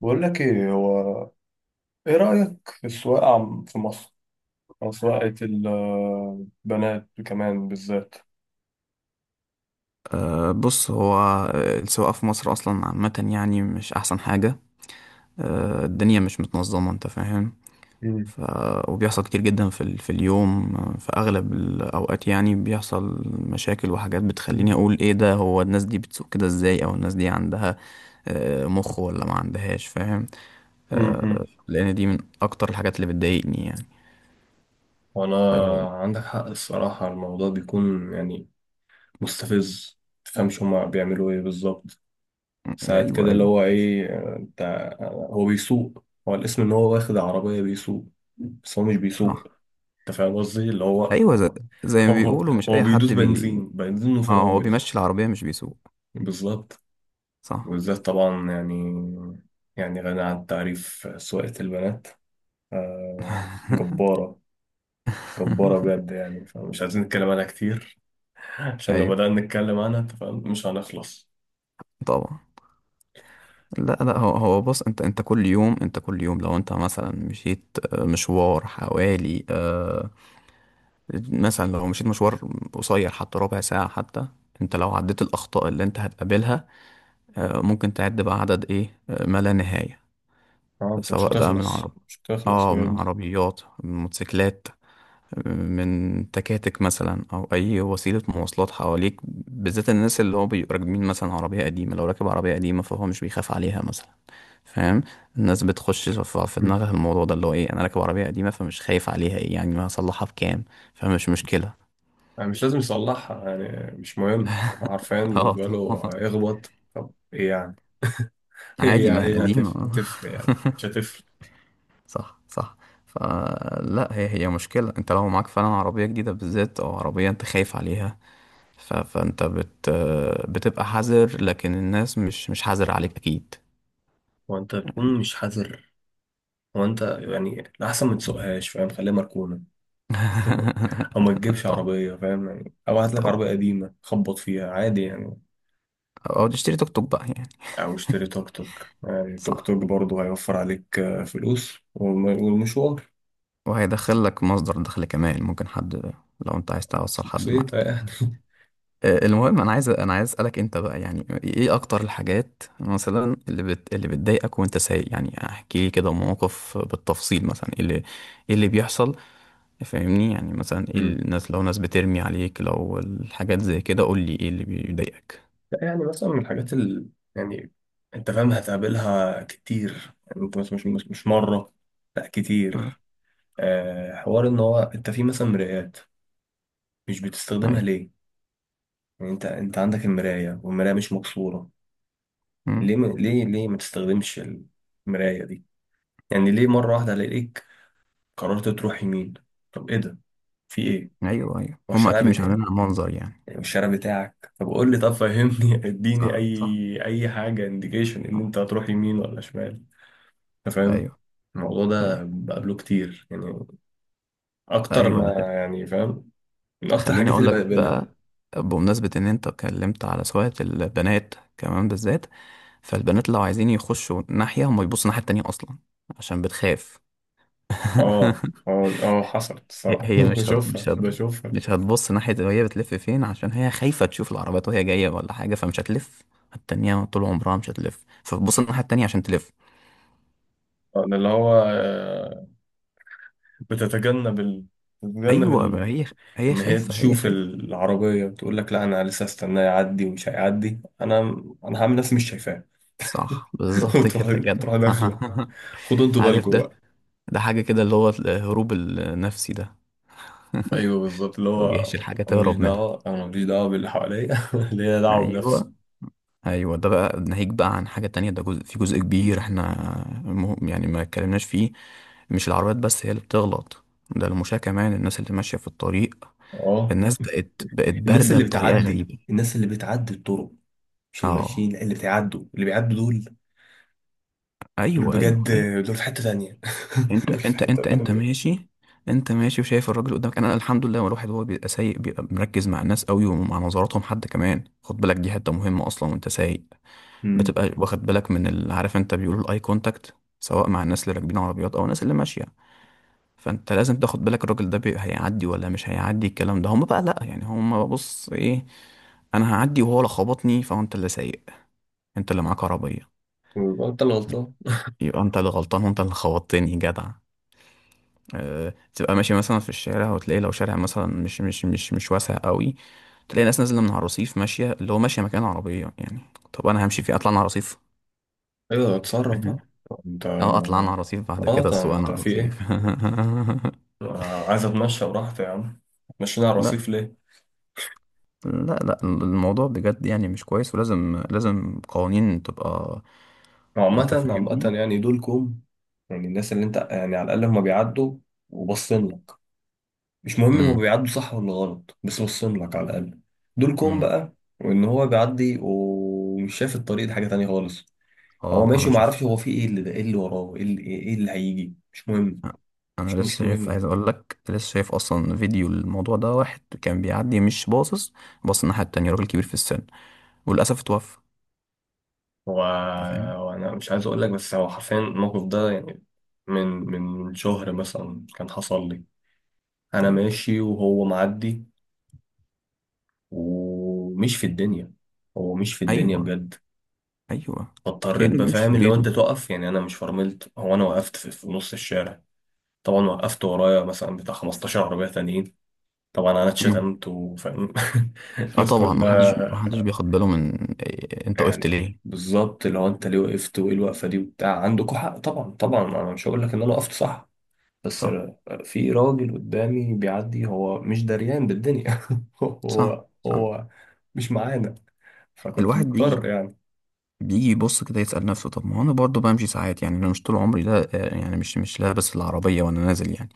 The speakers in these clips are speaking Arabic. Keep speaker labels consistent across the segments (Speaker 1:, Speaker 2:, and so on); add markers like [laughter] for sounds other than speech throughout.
Speaker 1: بقول لك ايه، هو ايه رأيك في السواقة عم في مصر، او سواقة البنات كمان بالذات؟
Speaker 2: بص هو، السواقة في مصر أصلا عامة يعني مش أحسن حاجة. الدنيا مش متنظمة، أنت فاهم.
Speaker 1: مم.
Speaker 2: ف... وبيحصل كتير جدا في اليوم، في أغلب الأوقات يعني بيحصل مشاكل وحاجات بتخليني أقول إيه ده. هو الناس دي بتسوق كده إزاي؟ أو الناس دي عندها مخ ولا ما عندهاش؟ فاهم.
Speaker 1: امم
Speaker 2: لأن دي من أكتر الحاجات اللي بتضايقني يعني.
Speaker 1: وانا عندك حق الصراحة، الموضوع بيكون يعني مستفز، متفهمش هما بيعملوا ايه بالظبط. ساعات
Speaker 2: أيوه
Speaker 1: كده اللي
Speaker 2: أيوه.
Speaker 1: هو ايه، انت، هو بيسوق، هو الاسم ان هو واخد عربية بيسوق، بس هو مش بيسوق.
Speaker 2: صح.
Speaker 1: انت فاهم قصدي، اللي هو
Speaker 2: أيوه زي, زي
Speaker 1: [laughs]
Speaker 2: ما
Speaker 1: هو
Speaker 2: بيقولوا مش
Speaker 1: هو
Speaker 2: أي
Speaker 1: بيدوس
Speaker 2: حد
Speaker 1: بنزين، بنزين
Speaker 2: آه، هو
Speaker 1: وفرامل.
Speaker 2: بيمشي العربية مش بيسوق.
Speaker 1: بالظبط.
Speaker 2: صح.
Speaker 1: وبالذات طبعا يعني غني عن التعريف سواقة البنات. جبارة، جبارة بجد يعني، فمش عايزين نتكلم عنها كتير. [laughs] عشان لو
Speaker 2: أيوه،
Speaker 1: بدأنا نتكلم عنها، انت فاهم، مش هنخلص.
Speaker 2: طبعا. لا لا، هو هو بص، انت كل يوم، انت كل يوم لو انت مثلا مشيت مشوار حوالي، مثلا لو مشيت مشوار قصير حتى ربع ساعة حتى، انت لو عديت الأخطاء اللي انت هتقابلها، ممكن تعد بقى عدد ايه، ما لا نهاية.
Speaker 1: اه، انت مش
Speaker 2: سواء بقى من
Speaker 1: هتخلص،
Speaker 2: عرب،
Speaker 1: مش هتخلص
Speaker 2: اه من
Speaker 1: بجد.
Speaker 2: عربيات، من موتوسيكلات، من تكاتك مثلا، او اي وسيله مواصلات حواليك. بالذات الناس اللي هو بيبقوا راكبين مثلا عربيه قديمه، لو راكب عربيه قديمه فهو مش بيخاف عليها مثلا، فاهم. الناس بتخش في
Speaker 1: مم.
Speaker 2: دماغها الموضوع ده اللي هو ايه: انا راكب عربيه قديمه فمش خايف عليها، ايه يعني، ما هصلحها بكام، فمش مشكله.
Speaker 1: يعني مش لازم يصلحها، يعني مش مهم. عارفين،
Speaker 2: [laughs] اه
Speaker 1: بالنسبة له
Speaker 2: طبعا.
Speaker 1: هيخبط، طب ايه يعني؟ [laughs] ايه
Speaker 2: عادي،
Speaker 1: يعني،
Speaker 2: ما
Speaker 1: ايه
Speaker 2: هي
Speaker 1: اللي
Speaker 2: قديمه، آه.
Speaker 1: هتفرق؟ يعني مش
Speaker 2: [laughs]
Speaker 1: هتفرق.
Speaker 2: صح صح. فلا هي، هي مشكله، انت لو معاك فعلا عربيه جديده بالذات، او عربيه انت خايف عليها، ف... فانت بت... بتبقى حذر. لكن الناس مش، حذر عليك اكيد.
Speaker 1: وانت تكون مش حذر، وانت يعني الأحسن ما تسوقهاش، فاهم، خليها مركونة. [laughs] او ما
Speaker 2: [laughs]
Speaker 1: تجيبش
Speaker 2: طبعا.
Speaker 1: عربيه، فاهم يعني، او هات لك
Speaker 2: طبعا.
Speaker 1: عربيه قديمه خبط فيها عادي يعني.
Speaker 2: او تشتري توك توك بقى يعني.
Speaker 1: او اشتري توك توك يعني، توك
Speaker 2: صح.
Speaker 1: توك برضه هيوفر عليك فلوس والمشوار.
Speaker 2: وهيدخل لك مصدر دخل كمان، ممكن حد لو انت عايز توصل حد
Speaker 1: بسيطه
Speaker 2: معاك.
Speaker 1: يعني. [laughs]
Speaker 2: المهم، انا عايز اسالك انت بقى يعني ايه اكتر الحاجات مثلا اللي اللي بتضايقك وانت سايق. يعني احكي لي كده موقف بالتفصيل مثلا، ايه اللي، ايه اللي بيحصل. فاهمني يعني، مثلا ايه
Speaker 1: مم.
Speaker 2: الناس، لو ناس بترمي عليك، لو الحاجات زي كده، قول لي ايه اللي بيضايقك.
Speaker 1: لا يعني، مثلا من الحاجات يعني انت فاهم، هتقابلها كتير يعني، انت مش مرة، لا
Speaker 2: آه،
Speaker 1: كتير. حوار ان هو، انت في مثلا مرايات، مش بتستخدمها
Speaker 2: ايوه.
Speaker 1: ليه؟ يعني انت عندك المراية، والمراية مش مكسورة.
Speaker 2: مم.
Speaker 1: ليه ما تستخدمش المراية دي؟ يعني ليه مرة واحدة الاقيك قررت تروح يمين؟ طب ايه ده؟ في ايه؟
Speaker 2: ايوه ايوه، هم
Speaker 1: والشارع
Speaker 2: اكيد مش
Speaker 1: بتاعي،
Speaker 2: عاملينها منظر يعني.
Speaker 1: يعني والشارع بتاعك، طب قول لي، طب فهمني. [laughs] اديني
Speaker 2: صح صح.
Speaker 1: اي حاجة، انديكيشن ان
Speaker 2: آه،
Speaker 1: انت هتروح يمين ولا شمال. انت فاهم،
Speaker 2: ايوه
Speaker 1: الموضوع
Speaker 2: ايوه
Speaker 1: ده بقابله كتير يعني، اكتر
Speaker 2: ايوه ده.
Speaker 1: ما يعني فاهم، من اكتر
Speaker 2: خليني
Speaker 1: الحاجات
Speaker 2: اقول
Speaker 1: اللي
Speaker 2: لك
Speaker 1: بقابلها.
Speaker 2: بقى بمناسبة ان انت اتكلمت على سواقة البنات كمان بالذات. فالبنات لو عايزين يخشوا ناحية، هم يبصوا الناحية التانية اصلا، عشان بتخاف.
Speaker 1: اه،
Speaker 2: [laughs]
Speaker 1: اه، اه، حصلت
Speaker 2: هي
Speaker 1: الصراحة. [laughs]
Speaker 2: هي
Speaker 1: بشوفها، بشوفها.
Speaker 2: مش هتبص ناحية وهي بتلف فين، عشان هي خايفة تشوف العربيات وهي جاية ولا حاجة، فمش هتلف التانية طول عمرها. مش هتلف، فبتبص الناحية التانية عشان تلف.
Speaker 1: أنا اللي هو بتتجنب بتتجنب
Speaker 2: ايوه، ما هي هي
Speaker 1: ان هي
Speaker 2: خايفة، هي
Speaker 1: تشوف
Speaker 2: خايفة.
Speaker 1: العربيه، وتقول لك لا انا لسه استناه يعدي ومش هيعدي، انا هعمل نفسي مش شايفاه.
Speaker 2: صح،
Speaker 1: [laughs]
Speaker 2: بالظبط
Speaker 1: وتروح،
Speaker 2: كده جدع.
Speaker 1: تروح داخله.
Speaker 2: [laughs]
Speaker 1: خدوا انتوا
Speaker 2: عارف
Speaker 1: بالكم
Speaker 2: ده؟
Speaker 1: بقى.
Speaker 2: ده حاجة كده اللي هو الهروب النفسي ده. [laughs]
Speaker 1: ايوه بالظبط، اللي
Speaker 2: هو
Speaker 1: هو
Speaker 2: بيحشي الحاجة
Speaker 1: انا ماليش
Speaker 2: تهرب منها.
Speaker 1: دعوه، انا ماليش دعوه باللي حواليا. [laughs] ليا دعوه بنفسي.
Speaker 2: ايوه ايوه. ده بقى ناهيك بقى عن حاجة تانية، ده جزء، في جزء كبير احنا يعني ما اتكلمناش فيه. مش العربيات بس هي اللي بتغلط، ده المشاة كمان، الناس اللي ماشية في الطريق.
Speaker 1: اه
Speaker 2: الناس بقت
Speaker 1: الناس
Speaker 2: باردة
Speaker 1: اللي
Speaker 2: بطريقة
Speaker 1: بتعدي،
Speaker 2: غريبة.
Speaker 1: الناس اللي بتعدي الطرق، مش اللي
Speaker 2: اه.
Speaker 1: ماشيين، لا، اللي بيعدوا دول
Speaker 2: ايوه ايوه
Speaker 1: بجد،
Speaker 2: ايوه.
Speaker 1: دول في حته تانيه. [laughs]
Speaker 2: انت
Speaker 1: دول في
Speaker 2: انت
Speaker 1: حته
Speaker 2: انت انت
Speaker 1: تانيه.
Speaker 2: ماشي، انت ماشي وشايف الراجل قدامك. انا الحمد لله الواحد هو بيبقى سايق، بيبقى مركز مع الناس قوي ومع نظراتهم، حد كمان خد بالك، دي حته مهمه اصلا وانت سايق.
Speaker 1: امم
Speaker 2: بتبقى واخد بالك من عارف، انت بيقولوا الاي كونتاكت، سواء مع الناس اللي راكبين عربيات او الناس اللي ماشيه. فانت لازم تاخد بالك الراجل ده هيعدي ولا مش هيعدي. الكلام ده هم بقى لا، يعني هم بص ايه، انا هعدي وهو لا خبطني. فانت اللي سايق، انت اللي معاك عربيه،
Speaker 1: ويبقى انت اللي غلطان.
Speaker 2: يبقى انت اللي غلطان وانت اللي خبطتني جدع. تبقى ماشي مثلا في الشارع وتلاقي لو شارع مثلا مش واسع قوي، تلاقي ناس نازله من على الرصيف ماشيه اللي هو ماشيه مكان عربيه يعني. طب انا همشي فيه، اطلع انا على الرصيف.
Speaker 1: ايوه، اتصرف
Speaker 2: مهم.
Speaker 1: بقى انت.
Speaker 2: اه اطلع انا على الرصيف، بعد
Speaker 1: اه
Speaker 2: كده
Speaker 1: طب
Speaker 2: اسوق انا
Speaker 1: انت
Speaker 2: على
Speaker 1: في
Speaker 2: الرصيف.
Speaker 1: ايه؟ عايز اتمشى براحتي يا عم، مشينا على
Speaker 2: [laughs] لا،
Speaker 1: الرصيف ليه؟
Speaker 2: لا الموضوع بجد يعني مش كويس، ولازم، لازم قوانين تبقى.
Speaker 1: عامة،
Speaker 2: انت
Speaker 1: عامة
Speaker 2: فاهمني.
Speaker 1: يعني دولكم، يعني الناس اللي انت يعني، على الأقل هما بيعدوا وبصين لك. مش مهم هو
Speaker 2: امم.
Speaker 1: بيعدوا صح ولا غلط، بس بصين لك على الأقل، دولكم
Speaker 2: امم.
Speaker 1: بقى. وإن هو بيعدي ومش شايف الطريق، دي حاجة تانية خالص. هو
Speaker 2: اه
Speaker 1: ماشي
Speaker 2: انا شفت.
Speaker 1: ومعرفش، هو في ايه، اللي ده ايه، اللي وراه ايه، اللي هيجي، مش مهم.
Speaker 2: انا
Speaker 1: مش
Speaker 2: لسه
Speaker 1: مش
Speaker 2: شايف،
Speaker 1: مهم.
Speaker 2: عايز اقول لك، لسه شايف اصلا فيديو الموضوع ده، واحد كان بيعدي مش باصص، باص الناحيه التانية، راجل كبير في السن، وللاسف اتوفى.
Speaker 1: هو
Speaker 2: انت فاهم.
Speaker 1: هو انا مش عايز اقول لك، بس هو حرفيا الموقف ده يعني من شهر مثلا كان حصل لي. انا
Speaker 2: طيب.
Speaker 1: ماشي وهو معدي ومش في الدنيا، هو مش في الدنيا
Speaker 2: ايوه
Speaker 1: بجد.
Speaker 2: ايوه.
Speaker 1: فاضطريت،
Speaker 2: كانه بيمشي
Speaker 1: بفهم
Speaker 2: في
Speaker 1: اللي هو انت
Speaker 2: بيته.
Speaker 1: تقف، يعني انا مش فرملت، هو انا وقفت في نص الشارع. طبعا وقفت ورايا مثلا بتاع 15 عربية تانيين. طبعا انا
Speaker 2: مم.
Speaker 1: اتشتمت وفاهم. [laughs]
Speaker 2: اه
Speaker 1: الناس
Speaker 2: طبعا، محدش
Speaker 1: كلها
Speaker 2: بياخد باله من إيه انت وقفت
Speaker 1: يعني،
Speaker 2: ليه.
Speaker 1: بالظبط اللي هو انت ليه وقفت، وايه الوقفة دي وبتاع. عندكوا حق طبعا، طبعا انا مش هقول لك ان انا وقفت صح. بس
Speaker 2: صح
Speaker 1: في راجل قدامي بيعدي، هو مش دريان بالدنيا. [laughs]
Speaker 2: صح
Speaker 1: هو
Speaker 2: صح.
Speaker 1: هو مش معانا، فكنت
Speaker 2: الواحد
Speaker 1: مضطر
Speaker 2: بيجي،
Speaker 1: يعني.
Speaker 2: بيجي يبص كده يسأل نفسه طب ما هو انا برضه بمشي ساعات يعني. انا مش طول عمري لا، يعني مش، لابس العربية وانا نازل يعني.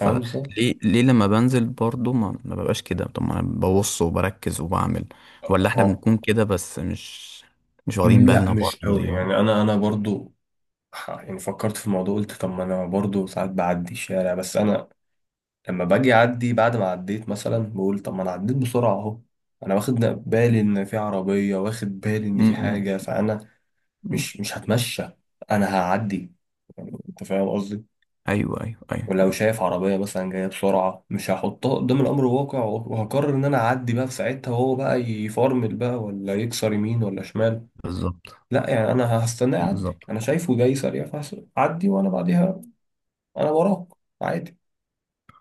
Speaker 1: عنصر.
Speaker 2: ليه لما بنزل برضه ما ببقاش كده؟ طب ما انا ببص وبركز وبعمل. ولا احنا
Speaker 1: اه،
Speaker 2: بنكون كده بس مش، واخدين
Speaker 1: لا
Speaker 2: بالنا
Speaker 1: مش
Speaker 2: برضه
Speaker 1: قوي
Speaker 2: زيهم.
Speaker 1: يعني، انا برضو، يعني فكرت في الموضوع، قلت طب ما انا برضو ساعات بعدي الشارع، بس انا لما باجي اعدي بعد ما عديت مثلا بقول، طب ما انا عديت بسرعة اهو، انا واخد بالي ان في عربية، واخد بالي ان
Speaker 2: م-
Speaker 1: في حاجة،
Speaker 2: م-
Speaker 1: فانا
Speaker 2: م.
Speaker 1: مش هتمشى، انا هعدي. يعني انت فاهم قصدي،
Speaker 2: ايوه ايوه
Speaker 1: ولو
Speaker 2: ايوه.
Speaker 1: شايف عربية مثلا جاية بسرعة، مش هحطها قدام الأمر الواقع وهقرر إن أنا أعدي بقى في ساعتها، وهو بقى يفرمل بقى ولا يكسر يمين ولا شمال.
Speaker 2: بالظبط.
Speaker 1: لا يعني، أنا هستناه يعدي،
Speaker 2: بالظبط.
Speaker 1: أنا شايفه جاي سريع فأعدي وأنا بعديها، أنا وراك، عادي،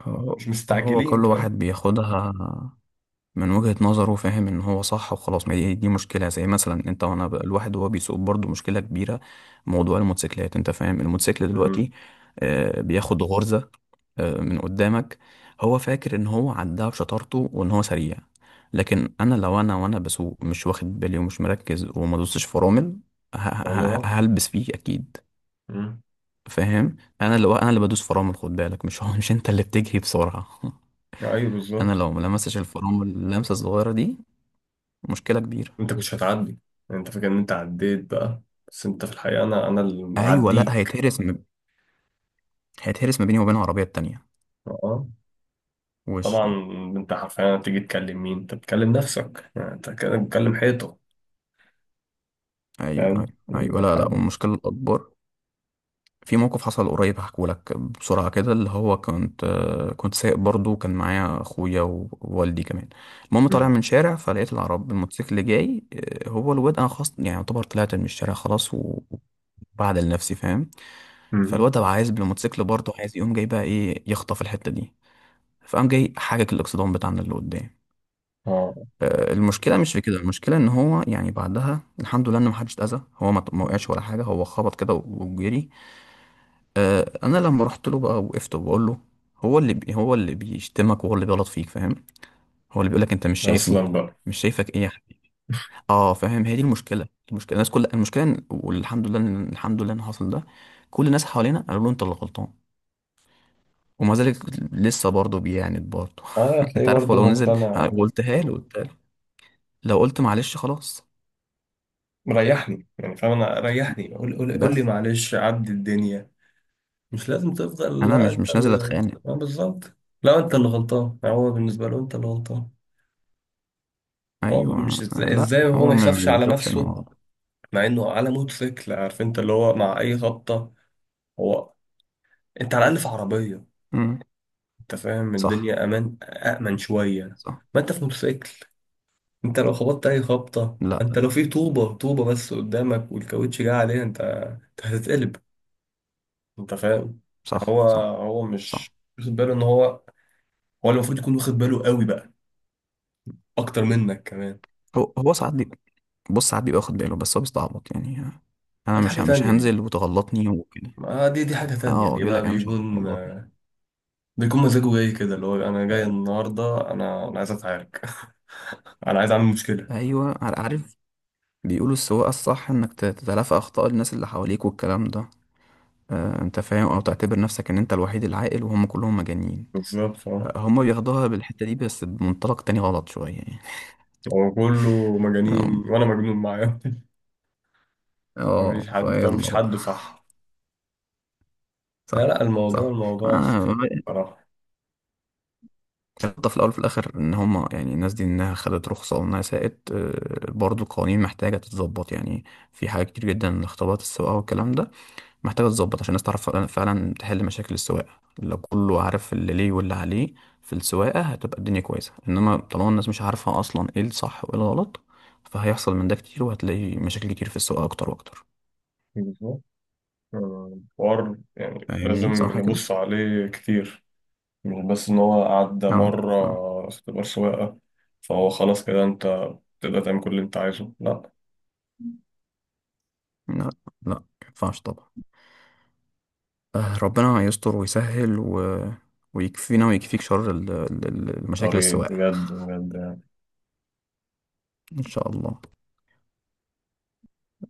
Speaker 2: هو
Speaker 1: مش
Speaker 2: هو
Speaker 1: مستعجلين،
Speaker 2: كل واحد
Speaker 1: فاهم.
Speaker 2: بياخدها من وجهة نظره، فاهم، ان هو صح وخلاص. ما دي، دي مشكلة. زي مثلا انت وانا بقى الواحد وهو بيسوق برضه مشكلة كبيرة. موضوع الموتوسيكلات، انت فاهم الموتوسيكل دلوقتي
Speaker 1: امم
Speaker 2: بياخد غرزة من قدامك، هو فاكر ان هو عداها بشطارته وان هو سريع. لكن انا لو انا وانا بسوق مش واخد بالي ومش مركز وما دوستش فرامل،
Speaker 1: لو أنا راح.
Speaker 2: هلبس فيه اكيد.
Speaker 1: امم،
Speaker 2: فاهم. انا اللي بدوس فرامل، خد بالك، مش [laughs] هو، مش انت اللي بتجري بسرعة. [laughs]
Speaker 1: أيوه
Speaker 2: انا
Speaker 1: بالظبط.
Speaker 2: لو ما لمستش الفرامل اللمسة الصغيرة دي، مشكلة كبيرة.
Speaker 1: أنت مش هتعدي، أنت فاكر إن أنت عديت بقى، بس أنت في الحقيقة أنا اللي
Speaker 2: ايوه. لا،
Speaker 1: معديك.
Speaker 2: هيتهرس ما... هيتهرس ما بيني وبين العربيه التانيه.
Speaker 1: أه
Speaker 2: وش.
Speaker 1: طبعا. أنت حرفيا هتيجي تكلم مين؟ أنت بتكلم نفسك، يعني أنت كده بتكلم حيطة.
Speaker 2: ايوه
Speaker 1: فاهم
Speaker 2: ايوه ايوه.
Speaker 1: يعني
Speaker 2: لا، لا،
Speaker 1: حد؟
Speaker 2: والمشكله الاكبر، في موقف حصل قريب هحكوا لك بسرعه كده، اللي هو كنت، كنت سايق برضو، كان معايا اخويا ووالدي كمان. المهم طالع
Speaker 1: مم.
Speaker 2: من شارع، فلقيت العرب، الموتوسيكل جاي. هو الواد، انا خلاص يعني يعتبر طلعت من الشارع خلاص وبعدل نفسي، فاهم.
Speaker 1: مم.
Speaker 2: فالواد ده عايز بالموتوسيكل برضه، عايز يقوم جاي بقى ايه، يخطف الحته دي. فقام جاي حاجك الاكسدام بتاعنا اللي قدام.
Speaker 1: اه،
Speaker 2: المشكله مش في كده، المشكله ان هو يعني بعدها الحمد لله ان محدش اتاذى، هو ما وقعش ولا حاجه، هو خبط كده وجري. انا لما رحت له بقى، وقفت وبقول له، هو اللي هو اللي بيشتمك وهو اللي بيغلط فيك، فاهم، هو اللي بيقول لك انت مش شايفني.
Speaker 1: اصلا بقى.
Speaker 2: مش شايفك ايه يا حبيبي! اه فاهم، هي دي المشكله. المشكله الناس، كل المشكله والحمد لله الحمد لله ان حصل ده، كل الناس حوالينا قالوا له انت اللي غلطان، ومع ذلك لسه برضه بيعاند برضه.
Speaker 1: اه،
Speaker 2: [laughs]
Speaker 1: هتلاقيه
Speaker 2: انت عارف،
Speaker 1: برضه
Speaker 2: ولو نزل.
Speaker 1: مقتنع.
Speaker 2: قلتها له، قلتها له، لو قلت معلش خلاص
Speaker 1: مريحني يعني فاهم، انا ريحني، قول، قول، قول لي
Speaker 2: بس،
Speaker 1: معلش عدي الدنيا، مش لازم تفضل
Speaker 2: انا
Speaker 1: لا
Speaker 2: مش،
Speaker 1: انت
Speaker 2: نازل
Speaker 1: اللي،
Speaker 2: اتخانق.
Speaker 1: اه بالظبط، لا انت اللي غلطان. يعني هو بالنسبه له انت اللي غلطان. هو مش
Speaker 2: ايوه.
Speaker 1: ازاي,
Speaker 2: لا،
Speaker 1: ازاي هو
Speaker 2: هو
Speaker 1: ما
Speaker 2: ما
Speaker 1: يخافش
Speaker 2: ما
Speaker 1: على
Speaker 2: بيشوفش
Speaker 1: نفسه؟
Speaker 2: الموضوع.
Speaker 1: مع انه على موتوسيكل، عارف، انت اللي هو مع اي خبطه، هو انت على الاقل في عربيه،
Speaker 2: امم.
Speaker 1: انت فاهم،
Speaker 2: صح
Speaker 1: الدنيا امان، امن شويه.
Speaker 2: صح.
Speaker 1: ما انت في موتوسيكل، انت لو خبطت اي خبطه،
Speaker 2: لا.
Speaker 1: انت لو في طوبه، طوبه بس قدامك والكاوتش جه عليها، انت هتتقلب. انت فاهم، يعني هو
Speaker 2: صح صح
Speaker 1: هو
Speaker 2: صح.
Speaker 1: مش واخد باله ان هو، هو اللي المفروض يكون واخد باله قوي بقى، اكتر منك كمان.
Speaker 2: هو هو ساعات بص ساعات بيبقى واخد باله بس هو بيستعبط يعني، انا
Speaker 1: دي
Speaker 2: مش
Speaker 1: حاجه
Speaker 2: مش
Speaker 1: تانية دي،
Speaker 2: هنزل وتغلطني وكده.
Speaker 1: ما دي حاجه تانية
Speaker 2: اه
Speaker 1: دي
Speaker 2: بيقول
Speaker 1: بقى،
Speaker 2: لك انا مش
Speaker 1: بيكون
Speaker 2: هتغلطني.
Speaker 1: بيكون مزاجه جاي كده، اللي هو انا جاي النهارده، انا عايز اتعارك. [laughs] انا عايز اعمل مشكله.
Speaker 2: ايوه عارف. بيقولوا السواقه الصح انك تتلافى اخطاء الناس اللي حواليك والكلام ده. انت فاهم، او تعتبر نفسك ان انت الوحيد العاقل وهم كلهم مجانين.
Speaker 1: بالظبط. اه،
Speaker 2: هم بياخدوها بالحته دي بس بمنطلق تاني غلط شويه يعني.
Speaker 1: هو كله مجانين
Speaker 2: [laughs]
Speaker 1: وانا مجنون معاهم. [laughs]
Speaker 2: اه
Speaker 1: مفيش حد فاهم،
Speaker 2: فيلا
Speaker 1: مفيش
Speaker 2: بقى.
Speaker 1: حد صح. لا،
Speaker 2: صح
Speaker 1: لا، الموضوع،
Speaker 2: صح.
Speaker 1: الموضوع
Speaker 2: آه،
Speaker 1: سخيف بصراحه.
Speaker 2: النقطة في الأول وفي الآخر إن هما يعني الناس دي إنها خدت رخصة وإنها سائت، برضو القوانين محتاجة تتظبط يعني. في حاجات كتير جدا، اختبارات السواقة والكلام ده محتاجة تتظبط عشان الناس تعرف فعلا، فعلاً تحل مشاكل السواقة. لو كله عارف اللي ليه واللي عليه في السواقة هتبقى الدنيا كويسة. إنما طالما الناس مش عارفة أصلا إيه الصح وإيه الغلط، فهيحصل من ده كتير، وهتلاقي مشاكل كتير في السواقة أكتر وأكتر.
Speaker 1: بالظبط. حوار يعني لازم
Speaker 2: فاهمني صح كده؟
Speaker 1: نبص عليه كتير، مش بس إن هو عدى
Speaker 2: اه
Speaker 1: مرة
Speaker 2: اه.
Speaker 1: اختبار سواقة، فهو خلاص كده أنت تقدر تعمل كل اللي أنت عايزه؟ لأ.
Speaker 2: لا، لا مينفعش طبعا. ربنا يستر ويسهل ويكفينا ويكفيك شر المشاكل
Speaker 1: طريق،
Speaker 2: السواقة.
Speaker 1: بجد، بجد.
Speaker 2: إن شاء الله.